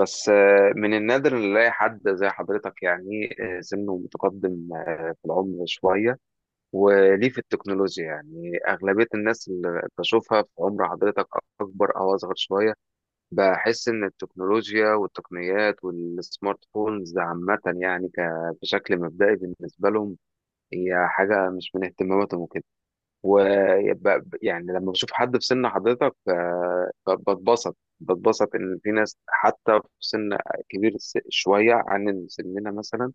بس، من النادر إن نلاقي حد زي حضرتك، يعني سنه متقدم، في العمر شوية. وليه في التكنولوجيا؟ يعني أغلبية الناس اللي بشوفها في عمر حضرتك أكبر أو أصغر شوية. بحس إن التكنولوجيا والتقنيات والسمارت فونز عامة، يعني بشكل مبدئي بالنسبة لهم هي حاجة مش من اهتماماتهم. ويبقى يعني لما بشوف حد في سن حضرتك، بتبسط ان في ناس حتى في سن كبير شويه عن سننا مثلا.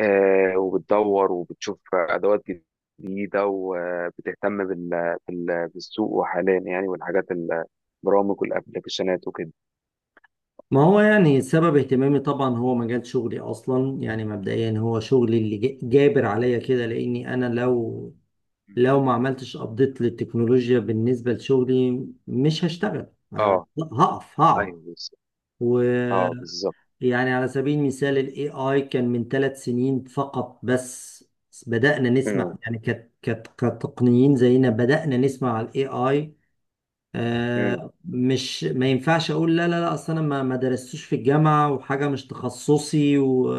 وبتدور وبتشوف ادوات جديده، وبتهتم بالسوق وحاليا يعني، والحاجات البرامج والابلكيشنات وكده. ما هو يعني سبب اهتمامي طبعا هو مجال شغلي اصلا يعني مبدئيا هو شغلي اللي جابر عليا كده لاني انا لو مم. لو ما عملتش ابديت للتكنولوجيا بالنسبه لشغلي مش هشتغل. ه- اه. هقف هقعد ايوه، بس. اه، ويعني. بالظبط. على سبيل المثال الاي اي كان من ثلاث سنين فقط. بس بدأنا نسمع امم. يعني كتقنيين زينا بدأنا نسمع على الاي اي. امم. مش ما ينفعش اقول لا لا لا، اصل انا ما درستوش في الجامعه وحاجه مش تخصصي و...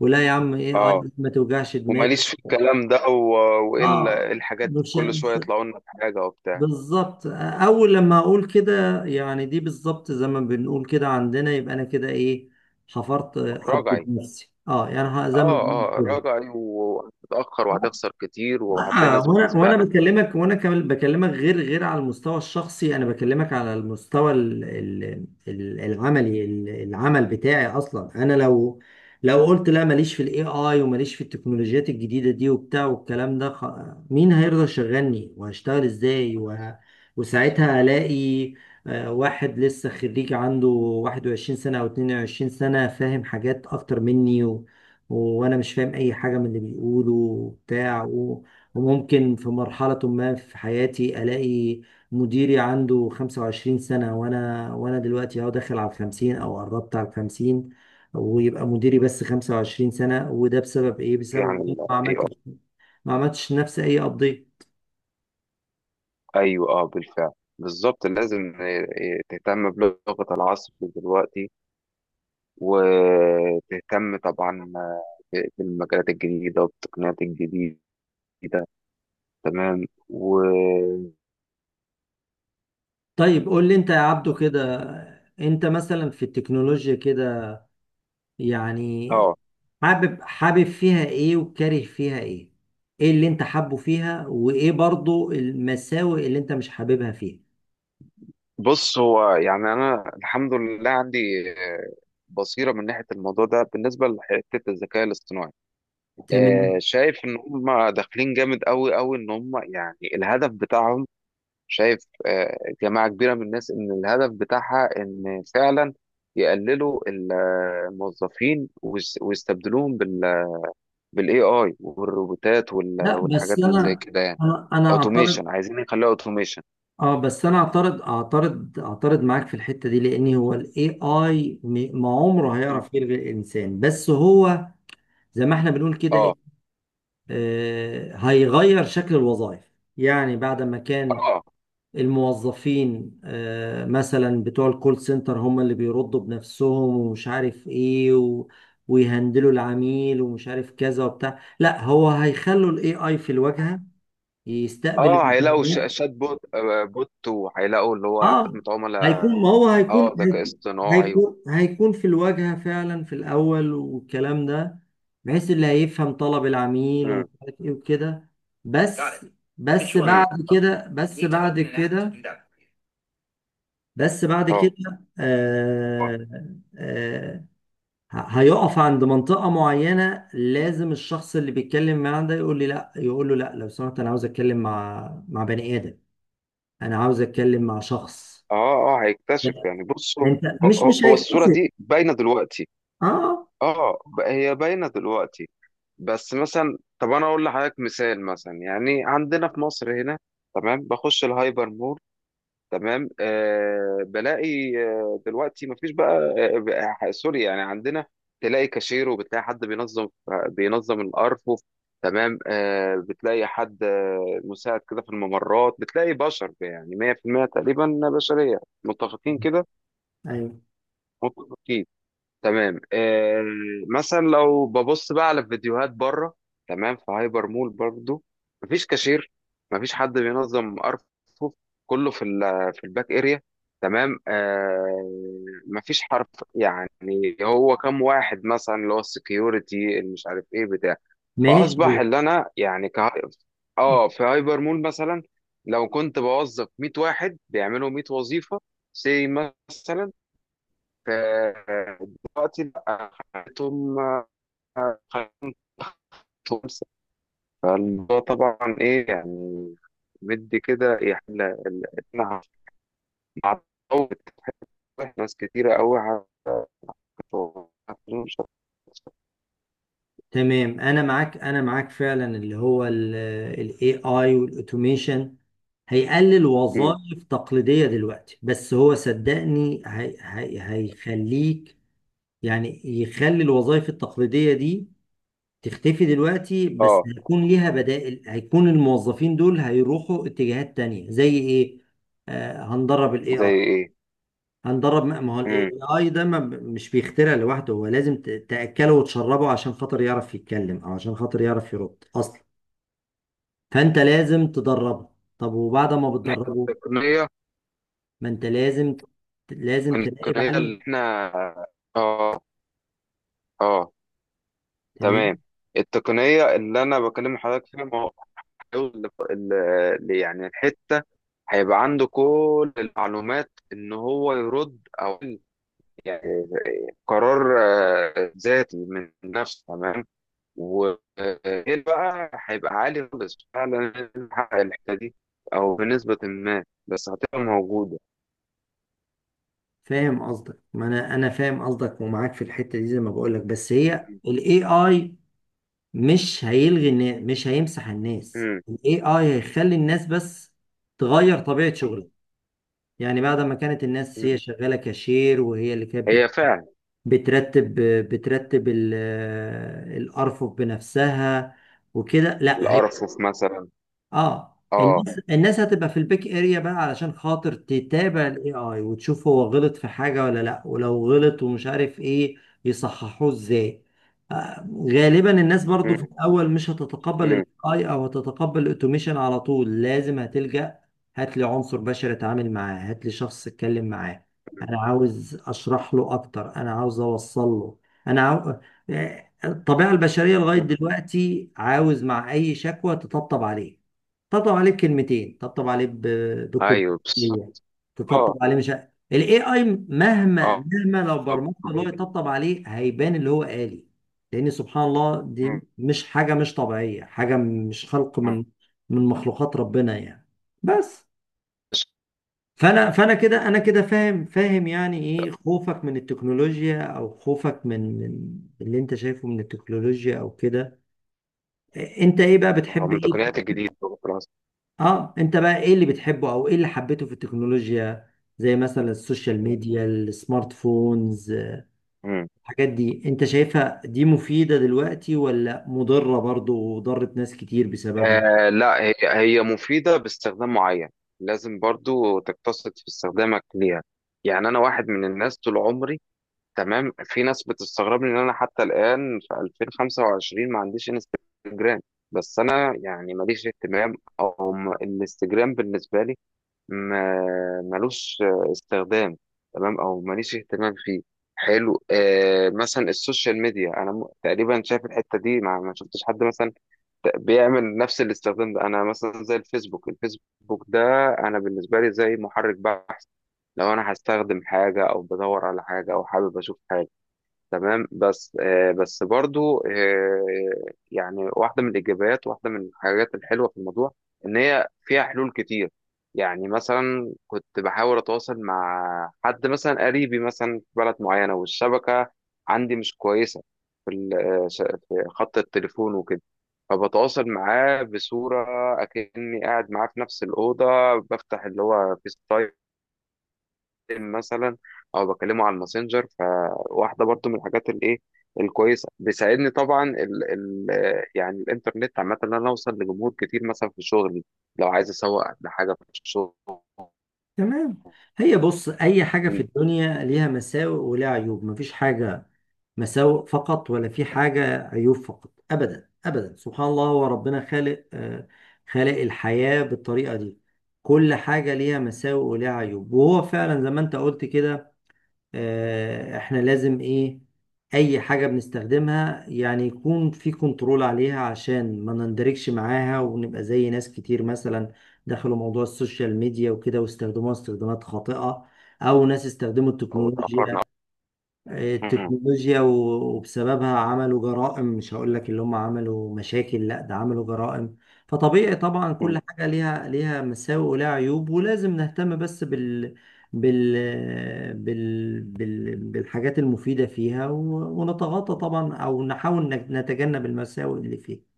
ولا يا عم ايه اي اه، ما توجعش دماغك. وماليش في الكلام ده و. والا اه إيه الحاجات دي؟ مش كل شويه مش- يطلعوا لنا بحاجه وبتاع. بالظبط. اول لما اقول كده يعني دي بالظبط زي ما بنقول كده عندنا، يبقى انا كده ايه، حفرت راجعي. بنفسي. اه يعني زي ما اه. بنقول اه، كده. راجعي، وهتتأخر وهتخسر كتير وهتلاقي ناس آه وانا بتسبقك. بكلمك وانا كمان بكلمك غير على المستوى الشخصي، انا بكلمك على المستوى العملي، العمل بتاعي اصلا. انا لو قلت لا ماليش في الاي اي وماليش في التكنولوجيات الجديدة دي وبتاع والكلام ده خ... مين هيرضى يشغلني وهشتغل ازاي وه... بالظبط. وساعتها الاقي واحد لسه خريج عنده 21 سنة او 22 سنة فاهم حاجات اكتر مني و... وانا مش فاهم اي حاجة من اللي بيقوله وبتاع. وممكن في مرحلة ما في حياتي ألاقي مديري عنده 25 سنة، وأنا دلوقتي أهو داخل على الخمسين أو قربت على الخمسين، ويبقى مديري بس 25 سنة. وده بسبب إيه؟ إيه بسبب عن إن أنا ال ما AI؟ عملتش ما عملتش نفسي أي أبديت. ايوه، اه بالفعل. بالظبط، لازم إيه، إيه، تهتم بلغة العصر دلوقتي، وتهتم طبعا بالمجالات الجديدة والتقنيات الجديدة. تمام. و. طيب قول لي أنت يا عبدو كده، أنت مثلا في التكنولوجيا كده يعني اه. حابب فيها إيه وكاره فيها إيه؟ إيه اللي أنت حابه فيها وإيه برضو المساوئ اللي أنت مش حاببها فيها؟ بص، هو يعني انا الحمد لله عندي آه، بصيرة من ناحية الموضوع ده، بالنسبة لحتة الذكاء الاصطناعي. تمام. شايف ان هم داخلين جامد قوي قوي، ان هم يعني الهدف بتاعهم. شايف. آه. جماعة كبيرة من الناس ان الهدف بتاعها ان فعلا يقللوا الموظفين، ويستبدلوهم بالاي اي والروبوتات لا بس والحاجات اللي زي انا كده، يعني. انا انا اعترض. اوتوميشن، عايزين يخلوها اوتوميشن. اه بس انا اعترض معاك في الحته دي، لان هو الاي اي ما عمره هيعرف يلغي الانسان. بس هو زي ما احنا بنقول كده اه. إيه، آه هيغير شكل الوظائف. يعني بعد ما كان اه. الموظفين مثلا بتوع الكول سنتر هم اللي بيردوا بنفسهم ومش عارف ايه، و ويهندلوا العميل ومش عارف كذا وبتاع، لا هو هيخلوا الاي اي في الواجهه يستقبل اه، هيلاقوا الامكانيات. شات بوت، بوت، وهيلاقوا اللي هو اه خدمة عملاء. ما هو اه، ذكاء اصطناعي و. هيكون في الواجهه فعلا في الاول والكلام ده، بحيث اللي هيفهم طلب العميل ومش مم. عارف ايه وكده، تعرف. بس يعني مم. كده بس بعد كده بس بعد اه. كده آه آه، هيقف عند منطقة معينة. لازم الشخص اللي بيتكلم معاه ده يقول لي لا، يقول له لا لو سمحت انا عاوز اتكلم مع بني آدم، انا عاوز اتكلم مع شخص. اه. اه، هيكتشف لأ، يعني، بصوا. انت هو مش هو- مش هو الصورة هيكتسب. دي باينة دلوقتي. اه اه، هي باينة دلوقتي. بس مثلا، طب انا اقول لحضرتك مثال مثلا، يعني عندنا في مصر هنا. تمام، بخش الهايبر مول. تمام، بلاقي، دلوقتي مفيش بقى، سوري، يعني عندنا تلاقي كاشير، وبتلاقي حد بينظم الارفف. تمام، بتلاقي حد مساعد كده في الممرات، بتلاقي بشر يعني 100% تقريبا بشرية، متفقين كده. ايوه اكيد. تمام، آه. مثلا لو ببص بقى على فيديوهات بره، تمام، في هايبر مول برضو. مفيش كاشير. مفيش حد بينظم ارفف. كله في الباك اريا. تمام، آه. مفيش حرف. يعني هو كم واحد مثلا، اللي هو السكيورتي اللي مش عارف ايه، بتاع. فاصبح ماشي اللي انا يعني. اه، في هايبر مول مثلا لو كنت بوظف 100 واحد بيعملوا 100 وظيفه، سي مثلا. دلوقتي بقى خليتهم خمسة. فالموضوع طبعا إيه يعني، مدي كده يعني إحنا هنعوض. ناس كتيرة أوي هت- مش هت- تمام. انا معاك فعلا، اللي هو الاي اي والاوتوميشن هيقلل مم. وظائف تقليدية دلوقتي. بس هو صدقني هي هيخليك يعني يخلي الوظائف التقليدية دي تختفي دلوقتي، بس اه. هيكون ليها بدائل. هيكون الموظفين دول هيروحوا اتجاهات تانية زي ايه. آه هندرب الاي زي اي. ايه؟ ما هو الاي مم. اي ده ما مش بيخترع لوحده، هو لازم تاكله وتشربه عشان خاطر يعرف يتكلم او عشان خاطر يعرف يرد اصلا. فانت لازم تدربه. طب وبعد ما بتدربه التقنية. ما انت لازم تراقب التقنية عليه. اللي احنا. اه. اه. تمام. تمام. التقنية اللي انا بكلم حضرتك فيها، ما هو حلول يعني الحتة، هيبقى عنده كل المعلومات ان هو يرد، او يعني قرار ذاتي من نفسه، تمام. وغير بقى هيبقى عالي خالص فعلا نحقق الحته دي، او بنسبه ما، بس هتبقى موجوده. فاهم قصدك. ما انا فاهم قصدك ومعاك في الحته دي زي ما بقول لك. بس هي الاي اي مش هيلغي الناس، مش هيمسح الناس. مم. الاي اي هيخلي الناس بس تغير طبيعه شغلها. يعني بعد ما كانت الناس هي مم. شغاله كاشير وهي اللي كانت هي فعلا. بترتب بترتب الأرفف بنفسها وكده، لا، الارفف مثلا. اه اه. الناس هتبقى في البيك اريا بقى علشان خاطر تتابع الاي اي وتشوف هو غلط في حاجه ولا لا، ولو غلط ومش عارف ايه يصححوه ازاي. آه غالبا الناس برضو في مم. الاول مش هتتقبل الاي مم. اي او هتتقبل الاوتوميشن على طول. لازم هتلجأ، هات لي عنصر بشري اتعامل معاه، هات لي شخص اتكلم معاه، انا عاوز اشرح له اكتر، انا عاوز اوصل له، انا عاو... الطبيعه البشريه لغايه مم. دلوقتي عاوز مع اي شكوى تطبطب عليه. طبطب عليه بكلمتين، طبطب عليه ايوه، بس. بكوبايه تطبطب اه. عليه. مش ه- الاي اي اه. مهما لو آه. برمجت اللي هو يطبطب عليه هيبان اللي هو آلي. لان سبحان الله دي مم. مش حاجه، مش طبيعيه، حاجه مش خلق مم. من مخلوقات ربنا يعني. بس فانا فانا كده انا كده فاهم يعني ايه خوفك من التكنولوجيا، او خوفك من اللي انت شايفه من التكنولوجيا او كده. انت ايه بقى بتحب من ايه، التقنيات الجديده. اه انت بقى ايه اللي بتحبه او ايه اللي حبيته في التكنولوجيا؟ زي مثلا السوشيال خلاص. ميديا، السمارت فونز، الحاجات دي انت شايفها دي مفيدة دلوقتي ولا مضرة برضو وضرت ناس كتير بسببها؟ لا، هي هي مفيدة باستخدام معين، لازم برضو تقتصد في استخدامك ليها. يعني أنا واحد من الناس طول عمري، تمام، في ناس بتستغربني إن أنا حتى الآن في 2025 ما عنديش انستجرام. بس أنا يعني ماليش اهتمام، أو الانستجرام بالنسبة لي ملوش استخدام، تمام، أو ماليش اهتمام فيه. حلو. مثلا السوشيال ميديا، أنا تقريبا شايف الحتة دي ما شفتش حد مثلا بيعمل نفس الاستخدام ده. انا مثلا زي الفيسبوك، الفيسبوك ده انا بالنسبه لي زي محرك بحث، لو انا هستخدم حاجه، او بدور على حاجه، او حابب اشوف حاجه. تمام. بس بس برضو يعني واحدة من الإيجابيات، واحدة من الحاجات الحلوة في الموضوع، إن هي فيها حلول كتير. يعني مثلا كنت بحاول أتواصل مع حد مثلا قريبي مثلا في بلد معينة، والشبكة عندي مش كويسة في في خط التليفون وكده، فبتواصل معاه بصورة أكني قاعد معاه في نفس الأوضة. بفتح اللي هو فيس تايم مثلا، او بكلمه على الماسنجر. فواحده برضو من الحاجات الايه الكويسه، بيساعدني طبعا ال ال يعني الانترنت عامه، ان انا اوصل لجمهور كتير مثلا في شغلي، لو عايز اسوق لحاجه في شغلي. تمام. هي بص اي حاجة في الدنيا ليها مساوئ وليها عيوب. مفيش حاجة مساوئ فقط ولا في حاجة عيوب فقط، ابدا ابدا. سبحان الله هو ربنا خالق خالق الحياة بالطريقة دي. كل حاجة ليها مساوئ وليها عيوب. وهو فعلا زي ما انت قلت كده، آه، احنا لازم ايه، اي حاجة بنستخدمها يعني يكون في كنترول عليها، عشان ما نندركش معاها ونبقى زي ناس كتير مثلا دخلوا موضوع السوشيال ميديا وكده واستخدموها استخدامات خاطئة. او ناس استخدموا او اتاخرنا. مم. التكنولوجيا وبسببها عملوا جرائم. مش هقول لك اللي هم عملوا مشاكل، لا ده عملوا جرائم. فطبيعي طبعا مم. كل حاجة ليها مساوئ ولها عيوب، ولازم نهتم بس بالحاجات المفيدة فيها و... ونتغاضى طبعا او نحاول نتجنب المساوئ اللي فيها.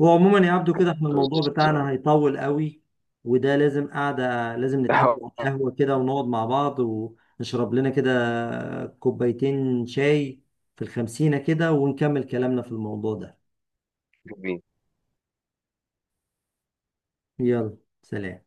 هو عموما يا عبدو كده احنا الموضوع بتاعنا هيطول قوي، وده لازم قعدة، لازم نتقابل على بالظبط. القهوة كده ونقعد مع بعض ونشرب لنا كده كوبايتين شاي في الخمسينة كده، ونكمل كلامنا في الموضوع ده. يلا. سلام.